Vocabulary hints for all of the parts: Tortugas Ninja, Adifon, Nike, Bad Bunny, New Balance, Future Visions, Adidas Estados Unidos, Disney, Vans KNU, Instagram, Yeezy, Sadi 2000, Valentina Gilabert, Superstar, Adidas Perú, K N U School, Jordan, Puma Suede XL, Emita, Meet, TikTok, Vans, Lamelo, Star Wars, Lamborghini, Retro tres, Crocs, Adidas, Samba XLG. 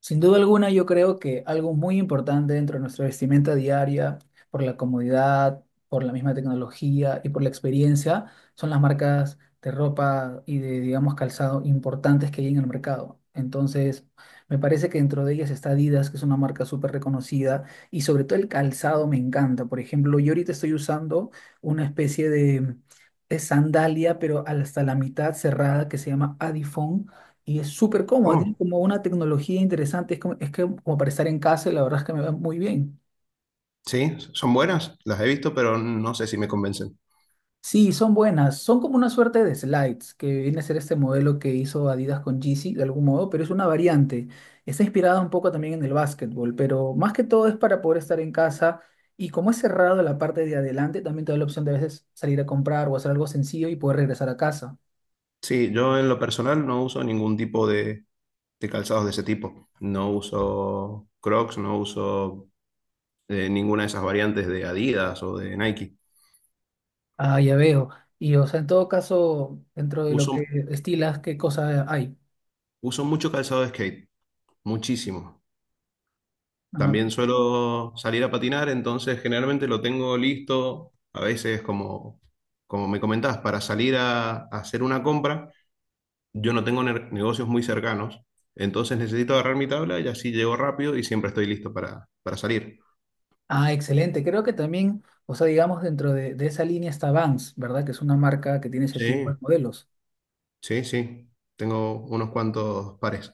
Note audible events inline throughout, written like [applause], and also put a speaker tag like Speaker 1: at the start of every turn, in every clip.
Speaker 1: Sin duda alguna, yo creo que algo muy importante dentro de nuestra vestimenta diaria, por la comodidad, por la misma tecnología y por la experiencia, son las marcas de ropa y de, digamos, calzado importantes que hay en el mercado. Entonces, me parece que dentro de ellas está Adidas, que es una marca súper reconocida, y sobre todo el calzado me encanta. Por ejemplo, yo ahorita estoy usando una especie de sandalia, pero hasta la mitad cerrada, que se llama Adifon y es súper cómodo, tiene
Speaker 2: Oh,
Speaker 1: como una tecnología interesante, es como, es que, como para estar en casa y la verdad es que me va muy bien.
Speaker 2: sí, son buenas, las he visto, pero no sé si me convencen.
Speaker 1: Sí, son buenas, son como una suerte de slides, que viene a ser este modelo que hizo Adidas con Yeezy de algún modo, pero es una variante. Está inspirada un poco también en el básquetbol, pero más que todo es para poder estar en casa y como es cerrado la parte de adelante, también te da la opción de a veces salir a comprar o hacer algo sencillo y poder regresar a casa.
Speaker 2: Sí, yo en lo personal no uso ningún tipo de calzados de ese tipo. No uso Crocs, no uso ninguna de esas variantes de Adidas o de Nike.
Speaker 1: Ah, ya veo. Y o sea, en todo caso, dentro de lo
Speaker 2: Uso,
Speaker 1: que estilas, ¿qué cosa hay?
Speaker 2: uso mucho calzado de skate, muchísimo.
Speaker 1: Ah,
Speaker 2: También suelo salir a patinar, entonces generalmente lo tengo listo, a veces como me comentás, para salir a hacer una compra. Yo no tengo negocios muy cercanos, entonces necesito agarrar mi tabla y así llego rápido y siempre estoy listo para salir.
Speaker 1: Ah, excelente. Creo que también, o sea, digamos, dentro de esa línea está Vans, ¿verdad? Que es una marca que tiene ese tipo
Speaker 2: Sí,
Speaker 1: de modelos.
Speaker 2: sí, sí. Tengo unos cuantos pares.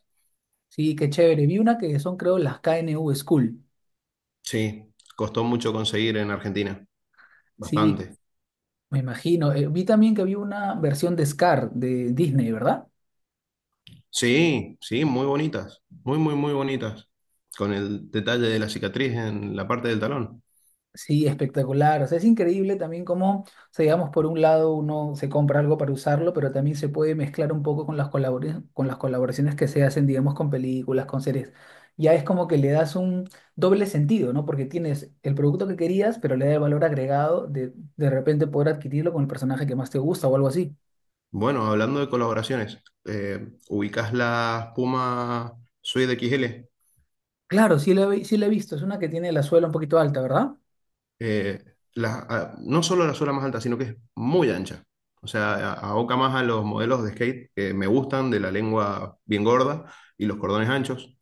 Speaker 1: Sí, qué chévere. Vi una que son, creo, las KNU School.
Speaker 2: Sí, costó mucho conseguir en Argentina,
Speaker 1: Sí,
Speaker 2: bastante.
Speaker 1: me imagino. Vi también que había una versión de Scar de Disney, ¿verdad?
Speaker 2: Sí, sí, muy bonitas, muy, muy, muy bonitas, con el detalle de la cicatriz en la parte del talón.
Speaker 1: Sí, espectacular. O sea, es increíble también cómo, o sea, digamos, por un lado uno se compra algo para usarlo, pero también se puede mezclar un poco con con las colaboraciones que se hacen, digamos, con películas, con series. Ya es como que le das un doble sentido, ¿no? Porque tienes el producto que querías, pero le da el valor agregado de repente poder adquirirlo con el personaje que más te gusta o algo así.
Speaker 2: Bueno, hablando de colaboraciones, ¿ubicás las Puma Suede XL?
Speaker 1: Claro, sí la he visto. Es una que tiene la suela un poquito alta, ¿verdad?
Speaker 2: eh, no solo la suela más alta, sino que es muy ancha. O sea, aboca más a los modelos de skate que me gustan, de la lengua bien gorda y los cordones anchos.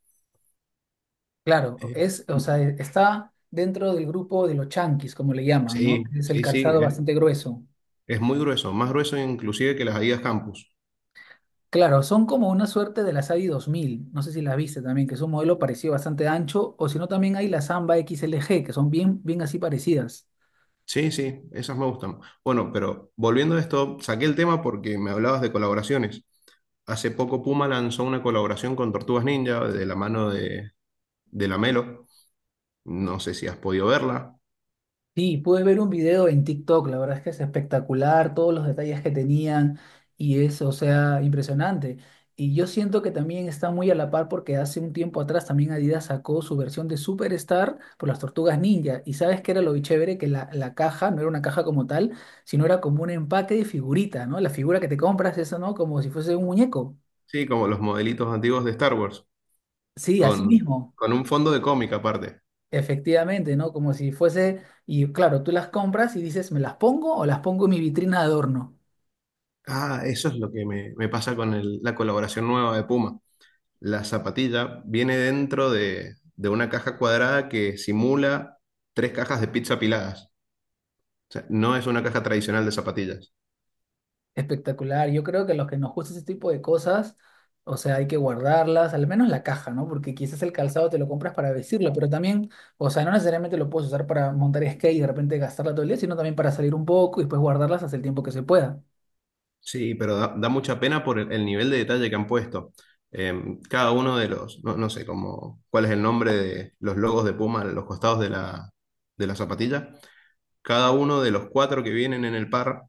Speaker 1: Claro,
Speaker 2: Eh,
Speaker 1: es, o sea, está dentro del grupo de los chanquis, como le llaman, ¿no?
Speaker 2: sí,
Speaker 1: Es el
Speaker 2: sí, sí,
Speaker 1: calzado
Speaker 2: es,
Speaker 1: bastante grueso.
Speaker 2: es muy grueso, más grueso inclusive que las Adidas Campus.
Speaker 1: Claro, son como una suerte de la Sadi 2000, no sé si la viste también, que es un modelo parecido bastante ancho, o si no también hay la Samba XLG, que son bien, bien así parecidas.
Speaker 2: Sí, sí, esas me gustan. Bueno, pero volviendo a esto, saqué el tema porque me hablabas de colaboraciones. Hace poco Puma lanzó una colaboración con Tortugas Ninja de la mano de Lamelo. No sé si has podido verla.
Speaker 1: Sí, pude ver un video en TikTok, la verdad es que es espectacular, todos los detalles que tenían y es, o sea, impresionante. Y yo siento que también está muy a la par porque hace un tiempo atrás también Adidas sacó su versión de Superstar por las Tortugas Ninja. Y sabes que era lo chévere que la caja no era una caja como tal, sino era como un empaque de figurita, ¿no? La figura que te compras, eso, ¿no? Como si fuese un muñeco.
Speaker 2: Sí, como los modelitos antiguos de Star Wars,
Speaker 1: Sí, así
Speaker 2: con,
Speaker 1: mismo,
Speaker 2: con un fondo de cómic aparte.
Speaker 1: efectivamente, ¿no? Como si fuese, y claro, tú las compras y dices, ¿me las pongo o las pongo en mi vitrina de adorno?
Speaker 2: Ah, eso es lo que me pasa con la colaboración nueva de Puma. La zapatilla viene dentro de una caja cuadrada que simula tres cajas de pizza apiladas. O sea, no es una caja tradicional de zapatillas.
Speaker 1: Espectacular. Yo creo que los que nos gusta ese tipo de cosas, o sea, hay que guardarlas, al menos la caja, ¿no? Porque quizás el calzado te lo compras para vestirlo, pero también, o sea, no necesariamente lo puedes usar para montar skate y de repente gastarla todo el día, sino también para salir un poco y después guardarlas hasta el tiempo que se pueda.
Speaker 2: Sí, pero da mucha pena por el nivel de detalle que han puesto. Cada uno de los, no sé cómo, cuál es el nombre de los logos de Puma a los costados de la zapatilla. Cada uno de los cuatro que vienen en el par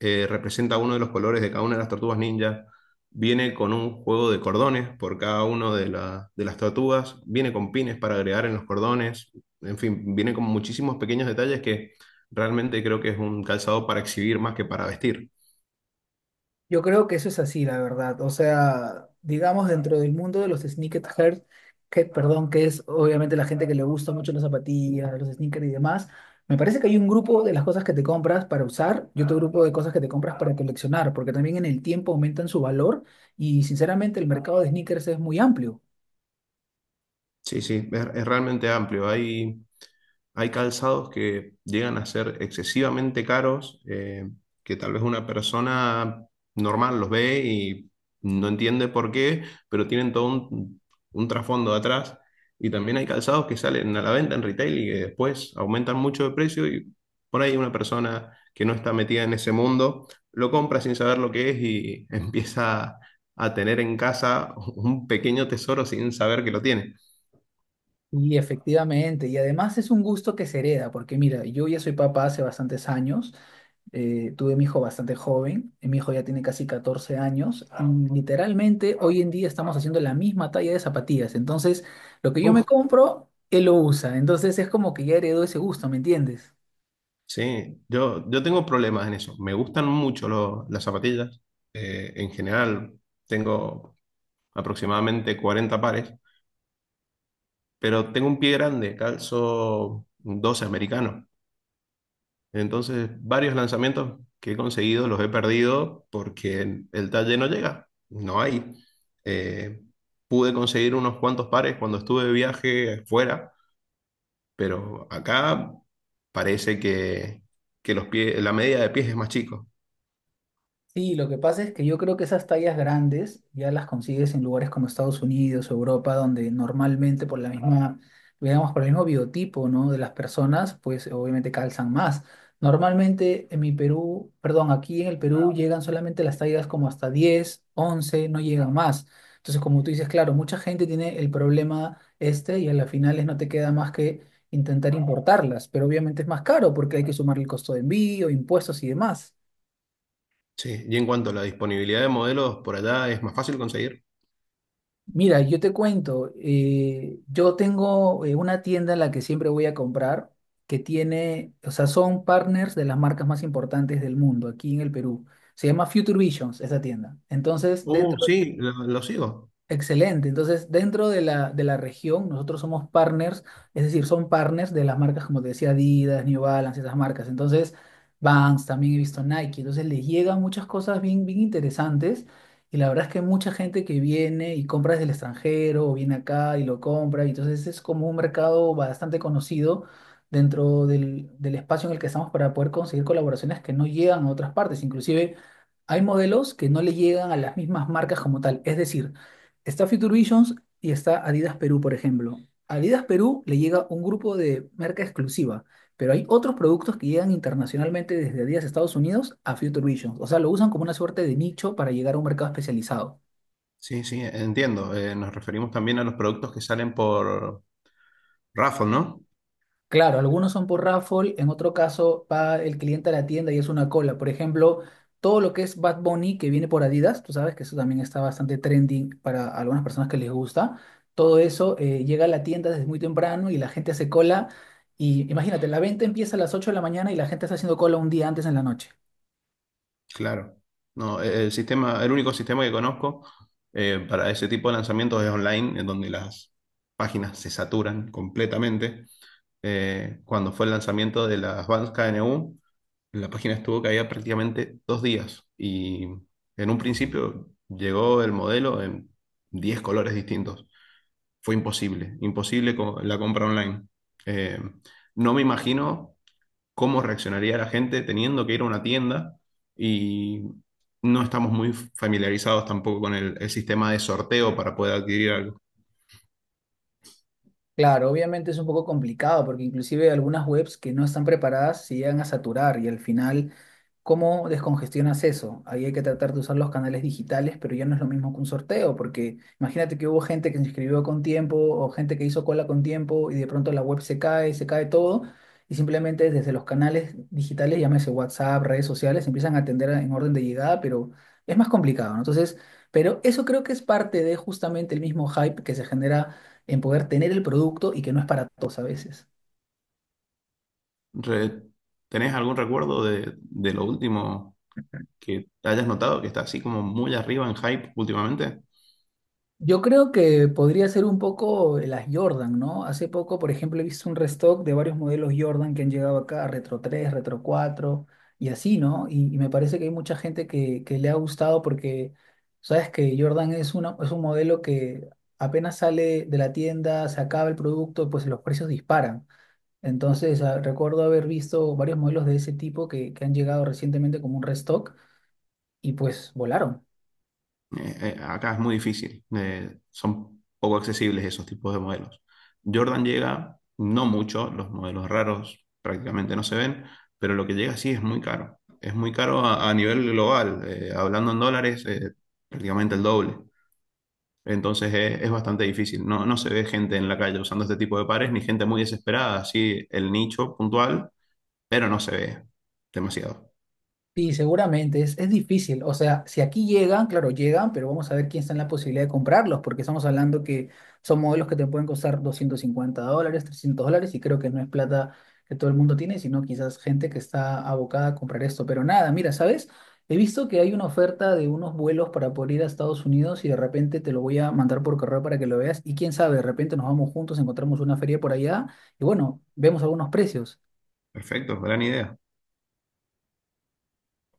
Speaker 2: representa uno de los colores de cada una de las tortugas ninja. Viene con un juego de cordones por cada uno de las tortugas. Viene con pines para agregar en los cordones. En fin, viene con muchísimos pequeños detalles que realmente creo que es un calzado para exhibir más que para vestir.
Speaker 1: Yo creo que eso es así, la verdad. O sea, digamos, dentro del mundo de los sneakerheads, que, perdón, que es obviamente la gente que le gusta mucho las zapatillas, los sneakers y demás, me parece que hay un grupo de las cosas que te compras para usar y otro grupo de cosas que te compras para coleccionar, porque también en el tiempo aumentan su valor y sinceramente el mercado de sneakers es muy amplio.
Speaker 2: Sí, sí, es realmente amplio. Hay calzados que llegan a ser excesivamente caros, que tal vez una persona normal los ve y no entiende por qué, pero tienen todo un trasfondo atrás. Y también hay calzados que salen a la venta en retail y que después aumentan mucho de precio y por ahí una persona que no está metida en ese mundo lo compra sin saber lo que es y [laughs] empieza a tener en casa un pequeño tesoro sin saber que lo tiene.
Speaker 1: Y efectivamente, y además es un gusto que se hereda, porque mira, yo ya soy papá hace bastantes años, tuve mi hijo bastante joven, mi hijo ya tiene casi 14 años, y literalmente hoy en día estamos haciendo la misma talla de zapatillas, entonces lo que yo me
Speaker 2: Uf,
Speaker 1: compro, él lo usa, entonces es como que ya heredó ese gusto, ¿me entiendes?
Speaker 2: sí, yo tengo problemas en eso. Me gustan mucho las zapatillas. En general tengo aproximadamente 40 pares, pero tengo un pie grande, calzo 12 americano. Entonces, varios lanzamientos que he conseguido los he perdido porque el talle no llega, no hay. Eh, Pude conseguir unos cuantos pares cuando estuve de viaje fuera, pero acá parece que los pies, la media de pies es más chico.
Speaker 1: Sí, lo que pasa es que yo creo que esas tallas grandes ya las consigues en lugares como Estados Unidos, Europa, donde normalmente por la misma, digamos, por el mismo biotipo, ¿no? de las personas, pues obviamente calzan más. Normalmente en mi Perú, perdón, aquí en el Perú llegan solamente las tallas como hasta 10, 11, no llegan más. Entonces, como tú dices, claro, mucha gente tiene el problema este y a las finales no te queda más que intentar importarlas, pero obviamente es más caro porque hay que sumar el costo de envío, impuestos y demás.
Speaker 2: Sí, ¿y en cuanto a la disponibilidad de modelos por allá, es más fácil conseguir?
Speaker 1: Mira, yo te cuento, yo tengo una tienda en la que siempre voy a comprar, que tiene, o sea, son partners de las marcas más importantes del mundo aquí en el Perú. Se llama Future Visions, esa tienda. Entonces, dentro.
Speaker 2: Sí, lo sigo.
Speaker 1: Excelente. Entonces, dentro de la región, nosotros somos partners, es decir, son partners de las marcas, como te decía, Adidas, New Balance, esas marcas. Entonces, Vans, también he visto Nike. Entonces, les llegan muchas cosas bien, bien interesantes. Y la verdad es que mucha gente que viene y compra desde el extranjero o viene acá y lo compra. Y entonces, es como un mercado bastante conocido dentro del, del espacio en el que estamos para poder conseguir colaboraciones que no llegan a otras partes. Inclusive, hay modelos que no le llegan a las mismas marcas como tal. Es decir, está Future Visions y está Adidas Perú, por ejemplo. A Adidas Perú le llega un grupo de marca exclusiva, pero hay otros productos que llegan internacionalmente desde Adidas Estados Unidos a Future Visions. O sea, lo usan como una suerte de nicho para llegar a un mercado especializado.
Speaker 2: Sí, sí, entiendo. Nos referimos también a los productos que salen por Raffle, ¿no?
Speaker 1: Claro, algunos son por raffle, en otro caso va el cliente a la tienda y es una cola. Por ejemplo, todo lo que es Bad Bunny que viene por Adidas, tú sabes que eso también está bastante trending para algunas personas que les gusta. Todo eso llega a la tienda desde muy temprano y la gente hace cola. Y imagínate, la venta empieza a las 8 de la mañana y la gente está haciendo cola un día antes en la noche.
Speaker 2: Claro. No, el sistema, el único sistema que conozco para ese tipo de lanzamientos es online, en donde las páginas se saturan completamente. Cuando fue el lanzamiento de las Vans KNU, la página estuvo caída prácticamente 2 días y en un principio llegó el modelo en 10 colores distintos. Fue imposible, imposible la compra online. Eh, no me imagino cómo reaccionaría la gente teniendo que ir a una tienda y no estamos muy familiarizados tampoco con el sistema de sorteo para poder adquirir algo.
Speaker 1: Claro, obviamente es un poco complicado porque inclusive algunas webs que no están preparadas se llegan a saturar y al final, ¿cómo descongestionas eso? Ahí hay que tratar de usar los canales digitales, pero ya no es lo mismo que un sorteo, porque imagínate que hubo gente que se inscribió con tiempo o gente que hizo cola con tiempo y de pronto la web se cae todo y simplemente desde los canales digitales, llámese WhatsApp, redes sociales, empiezan a atender en orden de llegada, pero es más complicado, ¿no? Entonces, pero eso creo que es parte de justamente el mismo hype que se genera en poder tener el producto y que no es para todos a veces.
Speaker 2: Re- ¿Tenés algún recuerdo de lo último que hayas notado que está así como muy arriba en hype últimamente?
Speaker 1: Yo creo que podría ser un poco las Jordan, ¿no? Hace poco, por ejemplo, he visto un restock de varios modelos Jordan que han llegado acá, Retro 3, Retro 4 y así, ¿no? Y me parece que hay mucha gente que le ha gustado porque, sabes que Jordan es, una, es un modelo que apenas sale de la tienda, se acaba el producto, pues los precios disparan. Entonces, ah, recuerdo haber visto varios modelos de ese tipo que han llegado recientemente como un restock y pues volaron.
Speaker 2: Acá es muy difícil, son poco accesibles esos tipos de modelos. Jordan llega, no mucho, los modelos raros prácticamente no se ven, pero lo que llega sí es muy caro. Es muy caro a nivel global, hablando en dólares, prácticamente el doble. Entonces es bastante difícil. No, no se ve gente en la calle usando este tipo de pares, ni gente muy desesperada, así el nicho puntual, pero no se ve demasiado.
Speaker 1: Sí, seguramente, es difícil. O sea, si aquí llegan, claro, llegan, pero vamos a ver quién está en la posibilidad de comprarlos, porque estamos hablando que son modelos que te pueden costar $250, $300, y creo que no es plata que todo el mundo tiene, sino quizás gente que está abocada a comprar esto. Pero nada, mira, ¿sabes? He visto que hay una oferta de unos vuelos para poder ir a Estados Unidos y de repente te lo voy a mandar por correo para que lo veas y quién sabe, de repente nos vamos juntos, encontramos una feria por allá y bueno, vemos algunos precios.
Speaker 2: Perfecto, gran idea.